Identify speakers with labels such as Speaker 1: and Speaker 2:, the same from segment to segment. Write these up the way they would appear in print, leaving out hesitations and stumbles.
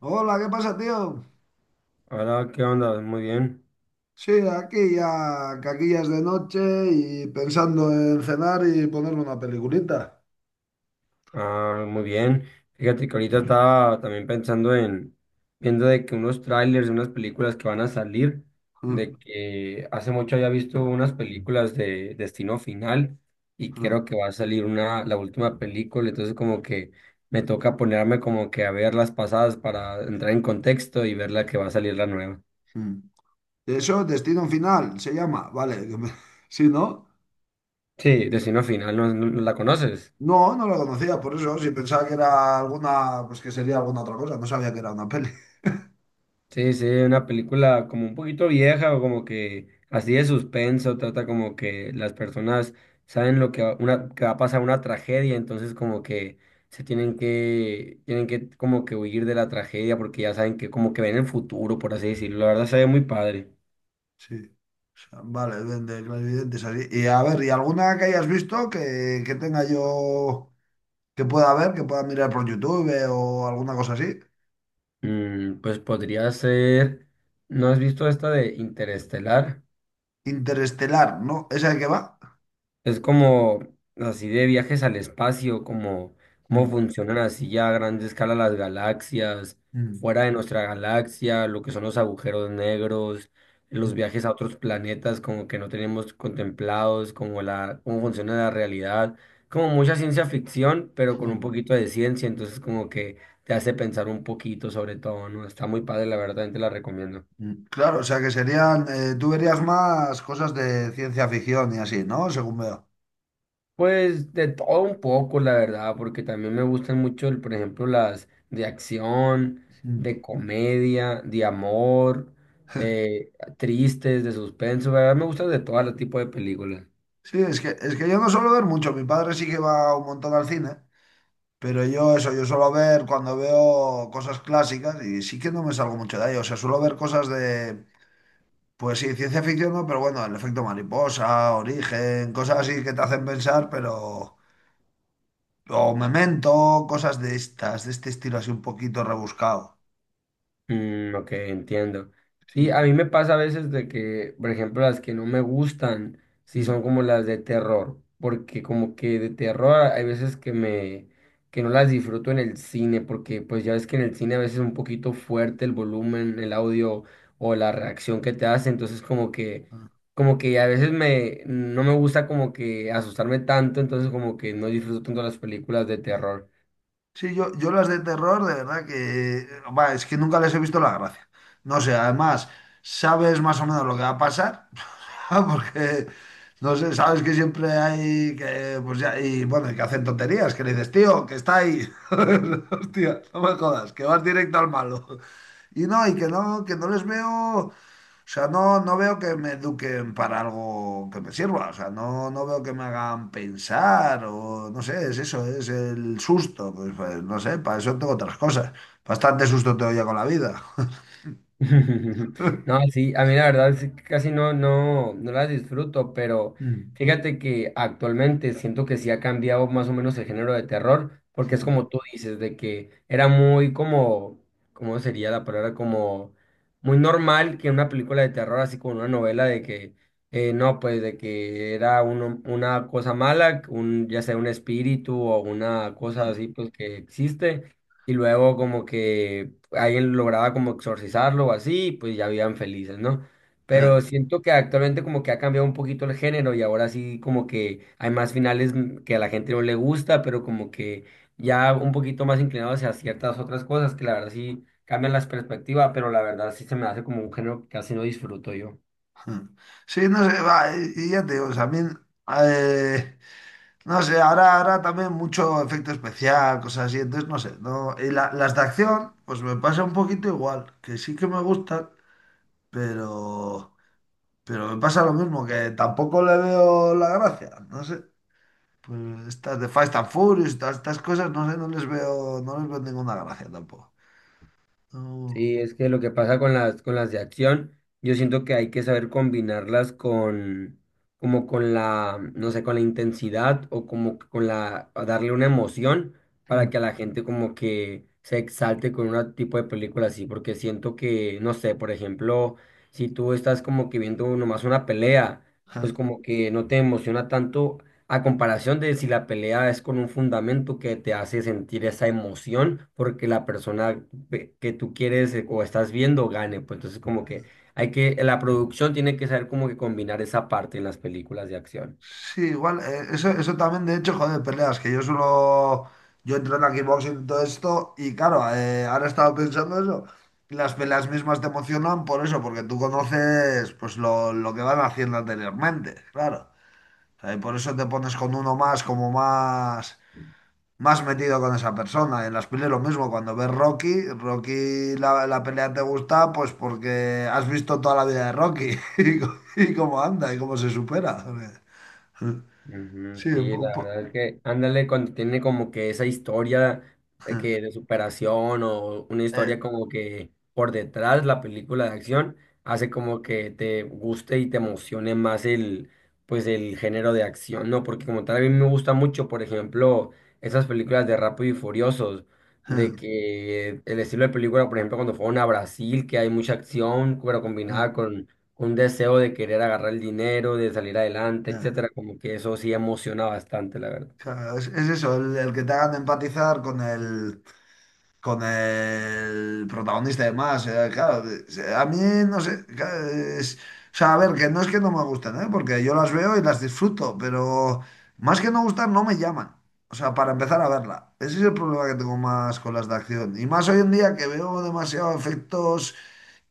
Speaker 1: Hola, ¿qué pasa, tío?
Speaker 2: Hola, ¿qué onda? Muy bien.
Speaker 1: Sí, aquí ya, que aquí ya es de noche y pensando en cenar y ponerme una peliculita.
Speaker 2: Ah, muy bien. Fíjate que ahorita estaba también pensando en viendo de que unos trailers de unas películas que van a salir,
Speaker 1: Mm,
Speaker 2: de que hace mucho había visto unas películas de Destino Final y
Speaker 1: mm,
Speaker 2: creo que va a salir una, la última película, entonces como que me toca ponerme como que a ver las pasadas para entrar en contexto y ver la que va a salir la nueva.
Speaker 1: mm. Eso, Destino Final, se llama, vale. Sí, ¿no?
Speaker 2: Sí, Destino Final, ¿no, no la conoces?
Speaker 1: No, no lo conocía, por eso, si pensaba que era alguna, pues que sería alguna otra cosa, no sabía que era una peli.
Speaker 2: Sí, sí, una película como un poquito vieja o como que así de suspenso, trata como que las personas saben lo que va, una, que va a pasar una tragedia, entonces como que tienen que como que huir de la tragedia porque ya saben que como que ven el futuro, por así decirlo. La verdad se ve muy padre.
Speaker 1: Sí. O sea, vale, ven de clarividentes así. Y a ver, ¿y alguna que hayas visto que tenga yo, que pueda ver, que pueda mirar por YouTube o alguna cosa así?
Speaker 2: Mm, pues podría ser, ¿no has visto esta de Interestelar?
Speaker 1: Interestelar, ¿no? ¿Es el que va?
Speaker 2: Es como así de viajes al espacio, como cómo
Speaker 1: Mm,
Speaker 2: funcionan así ya a grande escala las galaxias,
Speaker 1: mm,
Speaker 2: fuera de nuestra galaxia, lo que son los agujeros negros, los
Speaker 1: mm,
Speaker 2: viajes a otros planetas como que no tenemos contemplados, como la, cómo
Speaker 1: mm,
Speaker 2: funciona la realidad, como mucha ciencia ficción, pero con un
Speaker 1: mm,
Speaker 2: poquito de ciencia, entonces como que te hace pensar un poquito sobre todo, ¿no? Está muy padre, la verdad, te la recomiendo.
Speaker 1: mm. Claro, o sea que serían, tú verías más cosas de ciencia ficción y así, ¿no? Según veo.
Speaker 2: Pues de todo un poco, la verdad, porque también me gustan mucho, por ejemplo, las de acción,
Speaker 1: Mm.
Speaker 2: de comedia, de amor, tristes, de suspenso, la verdad me gustan de todo el tipo de películas.
Speaker 1: Sí, es que yo no suelo ver mucho, mi padre sí que va un montón al cine, pero yo eso, yo suelo ver cuando veo cosas clásicas y sí que no me salgo mucho de ahí, o sea, suelo ver cosas de, pues sí, ciencia ficción, ¿no? Pero bueno, el efecto mariposa, origen, cosas así que te hacen pensar, pero... O Memento, cosas de estas, de este estilo así un poquito rebuscado.
Speaker 2: Mm, ok, entiendo. Sí, a
Speaker 1: Sí,
Speaker 2: mí me pasa a veces de que, por ejemplo, las que no me gustan, sí son
Speaker 1: mm.
Speaker 2: como las de terror, porque como que de terror hay veces que que no las disfruto en el cine, porque pues ya ves que en el cine a veces es un poquito fuerte el volumen, el audio o la reacción que te hace, entonces
Speaker 1: Ah.
Speaker 2: como que a veces no me gusta como que asustarme tanto, entonces como que no disfruto tanto las películas de terror.
Speaker 1: Sí, yo las de terror, de verdad que... Va, es que nunca les he visto la gracia. No sé, además, sabes más o menos lo que va a pasar, porque, no sé, sabes que siempre hay que... Pues ya, y bueno, y que hacen tonterías, que le dices, tío, que está ahí. Hostia, no me jodas, que vas directo al malo. Y no, y que no les veo... O sea, no veo que me eduquen para algo que me sirva. O sea, no veo que me hagan pensar o no sé, es eso, es el susto. No sé, para eso tengo otras cosas. Bastante susto tengo ya con la vida.
Speaker 2: No, sí, a mí la verdad sí que casi no las disfruto, pero
Speaker 1: Mm,
Speaker 2: fíjate que actualmente siento que sí ha cambiado más o menos el género de terror, porque es
Speaker 1: mm,
Speaker 2: como tú dices, de que era muy como, ¿cómo sería la palabra? Como muy normal que una película de terror, así como una novela de que, no, pues de que era una cosa mala, un, ya sea un espíritu o una cosa
Speaker 1: mm,
Speaker 2: así, pues que existe. Y luego como que alguien lograba como exorcizarlo o así, pues ya vivían felices, ¿no? Pero
Speaker 1: mm,
Speaker 2: siento que actualmente como que ha cambiado un poquito el género y ahora sí como que hay más finales que a la gente no le gusta, pero como que ya un poquito más inclinado hacia ciertas otras cosas que la verdad sí cambian las perspectivas, pero la verdad sí se me hace como un género que casi no disfruto yo.
Speaker 1: mm. Sí, no sé, va, y ya te digo, también, eh, no sé, ahora también mucho efecto especial, cosas así, entonces no sé, no, y las de acción, pues me pasa un poquito igual, que sí que me gustan, pero... Pero me pasa lo mismo, que tampoco le veo la gracia. No sé. Pues estas de Fast and Furious, estas cosas, no sé, no les veo ninguna gracia tampoco. No.
Speaker 2: Sí, es que lo que pasa con con las de acción, yo siento que hay que saber combinarlas como con la, no sé, con la intensidad o como que con la, a darle una emoción para
Speaker 1: Mm.
Speaker 2: que a la gente como que se exalte con un tipo de película así, porque siento que, no sé, por ejemplo, si tú estás como que viendo nomás una pelea,
Speaker 1: Ja.
Speaker 2: pues como que no te emociona tanto a comparación de si la pelea es con un fundamento que te hace sentir esa emoción porque la persona que tú quieres o estás viendo gane, pues entonces como que hay que, la producción tiene que saber como que combinar esa parte en las películas de acción.
Speaker 1: Sí, igual, eso también, de hecho, joder, peleas, que yo solo, yo entreno aquí boxing y todo esto, y claro, ahora he estado pensando eso, las peleas mismas te emocionan por eso, porque tú conoces, pues, lo que van haciendo anteriormente, claro. O sea, y por eso te pones con uno más, como más metido con esa persona. En las pelis lo mismo, cuando ves Rocky, Rocky la pelea te gusta, pues porque has visto toda la vida de Rocky y, y cómo anda y cómo se supera.
Speaker 2: Ujú,
Speaker 1: Sí,
Speaker 2: sí, la verdad es que ándale cuando tiene como que esa historia de superación o una
Speaker 1: Eh,
Speaker 2: historia como que por detrás la película de acción hace como que te guste y te emocione más el pues el género de acción, ¿no? Porque como tal a mí me gusta mucho, por ejemplo, esas películas de Rápido y Furiosos, de
Speaker 1: eh,
Speaker 2: que el estilo de película, por ejemplo, cuando fueron a Brasil, que hay mucha acción, pero
Speaker 1: eh,
Speaker 2: combinada con un deseo de querer agarrar el dinero, de salir adelante,
Speaker 1: eh.
Speaker 2: etcétera, como que eso sí emociona bastante, la verdad.
Speaker 1: Claro, es eso, el que te hagan empatizar con el protagonista de más. Claro, a mí no sé. Claro, o sea, a ver, que no es que no me gusten, ¿eh? Porque yo las veo y las disfruto, pero más que no gustar, no me llaman. O sea, para empezar a verla. Ese es el problema que tengo más con las de acción. Y más hoy en día que veo demasiados efectos.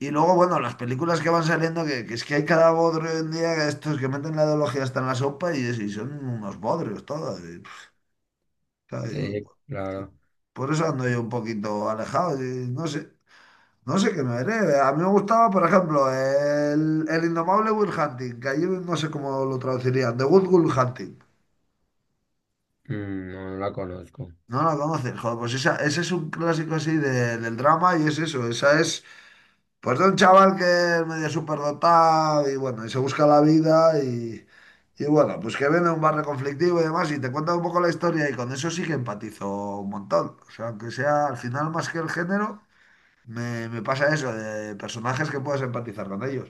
Speaker 1: Y luego, bueno, las películas que van saliendo, que es que hay cada bodrio hoy en día, que estos que meten la ideología hasta en la sopa y, y son unos bodrios todos sea,
Speaker 2: Sí,
Speaker 1: digo, sí.
Speaker 2: claro.
Speaker 1: Por eso ando yo un poquito alejado. Y no sé, qué me veré. A mí me gustaba, por ejemplo, el Indomable Will Hunting, que allí no sé cómo lo traducirían. The Good Will Hunting.
Speaker 2: Mm, no, no la conozco.
Speaker 1: No la conoces, joder, pues esa, ese es un clásico así del drama y es eso, esa es pues de un chaval que es medio superdotado y bueno, y se busca la vida y bueno, pues que viene de un barrio conflictivo y demás y te cuenta un poco la historia y con eso sí que empatizo un montón, o sea, aunque sea al final más que el género. Me pasa eso, de personajes que puedas empatizar con ellos.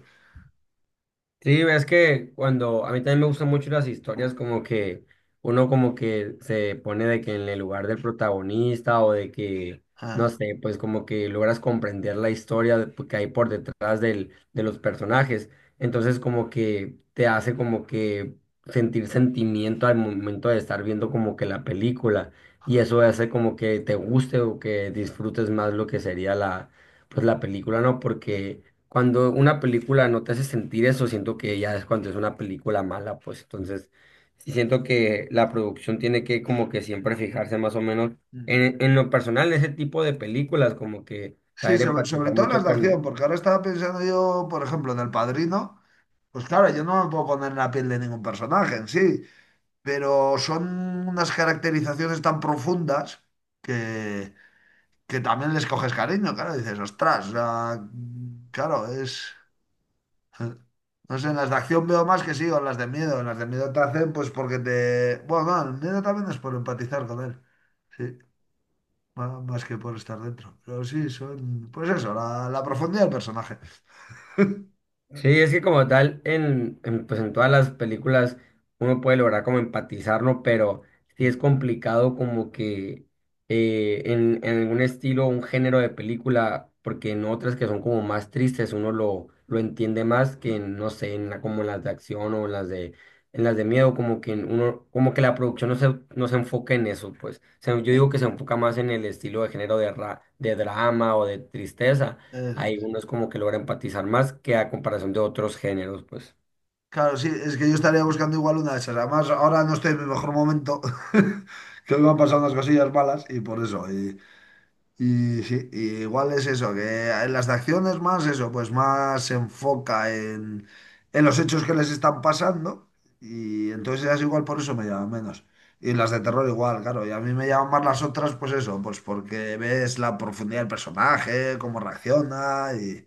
Speaker 2: Sí, es que cuando a mí también me gustan mucho las historias como que uno como que se pone de que en el lugar del protagonista o de que, no
Speaker 1: Ah,
Speaker 2: sé, pues como que logras comprender la historia que hay por detrás de los personajes. Entonces como que te hace como que sentir sentimiento al momento de estar viendo como que la película y
Speaker 1: ah.
Speaker 2: eso hace como que te guste o que disfrutes más lo que sería la, pues la película, ¿no? Porque... cuando una película no te hace sentir eso, siento que ya es cuando es una película mala, pues entonces sí siento que la producción tiene que como que siempre fijarse más o menos
Speaker 1: Mm.
Speaker 2: en lo personal, en ese tipo de películas, como que
Speaker 1: Sí,
Speaker 2: saber
Speaker 1: sobre
Speaker 2: empatizar
Speaker 1: todo las
Speaker 2: mucho
Speaker 1: de acción,
Speaker 2: con.
Speaker 1: porque ahora estaba pensando yo, por ejemplo, en El Padrino. Pues claro, yo no me puedo poner en la piel de ningún personaje en sí, pero son unas caracterizaciones tan profundas que, que también les coges cariño, claro, dices, ostras, o sea, claro, es... No sé, en las de acción veo más que sí, o en las de miedo. En las de miedo te hacen, pues porque te. Bueno, no, el miedo también es por empatizar con él. Sí, más que por estar dentro. Pero sí, son. Pues eso, la profundidad del personaje.
Speaker 2: Sí, es que como tal, pues en todas las películas uno puede lograr como empatizar, ¿no? Pero sí es
Speaker 1: Mm.
Speaker 2: complicado como que en algún estilo, un género de película, porque en otras que son como más tristes uno lo entiende más que
Speaker 1: No.
Speaker 2: en, no sé, como en las de acción o en las de miedo, como que en uno, como que la producción no se enfoca en eso, pues. O sea, yo
Speaker 1: Eh,
Speaker 2: digo que se enfoca más en el estilo de género de, de drama o de tristeza
Speaker 1: Eso
Speaker 2: hay
Speaker 1: es.
Speaker 2: unos como que logra empatizar más que a comparación de otros géneros, pues.
Speaker 1: Claro, sí, es que yo estaría buscando igual una de esas. Además, ahora no estoy en mi mejor momento, que me han pasado unas cosillas malas y por eso. Y, sí, y igual es eso, que en las de acciones más eso, pues más se enfoca en los hechos que les están pasando y entonces ellas igual por eso me llaman menos. Y las de terror igual, claro, y a mí me llaman más las otras, pues eso, pues porque ves la profundidad del personaje, cómo reacciona y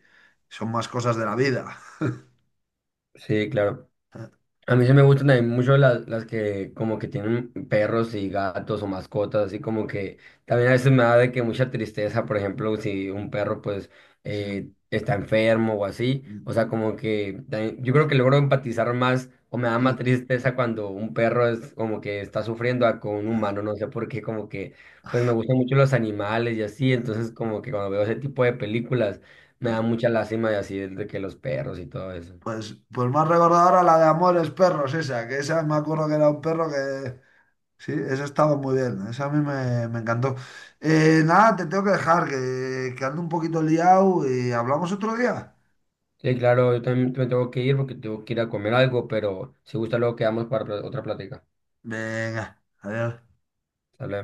Speaker 1: son más cosas de la vida.
Speaker 2: Sí, claro. A mí se me gustan también mucho las que como que tienen perros y gatos o mascotas, así como que también a veces me da de que mucha tristeza, por ejemplo, si un perro pues está enfermo o así, o sea, como que también- yo creo que logro empatizar más o me da más
Speaker 1: Sí.
Speaker 2: tristeza cuando un perro es como que está sufriendo a con un humano, no sé por qué, como que pues me gustan mucho los animales y así, entonces como que cuando veo ese tipo de películas me da mucha lástima y así de que los perros y todo eso.
Speaker 1: Pues más recordadora la de Amores Perros, esa, que esa me acuerdo que era un perro que... Sí, esa estaba muy bien, esa a mí me encantó. Nada, te tengo que dejar, que ando un poquito liado y hablamos otro día.
Speaker 2: Sí, claro, yo también me tengo que ir porque tengo que ir a comer algo, pero si gusta luego quedamos para otra plática.
Speaker 1: Venga, adiós.
Speaker 2: Sale.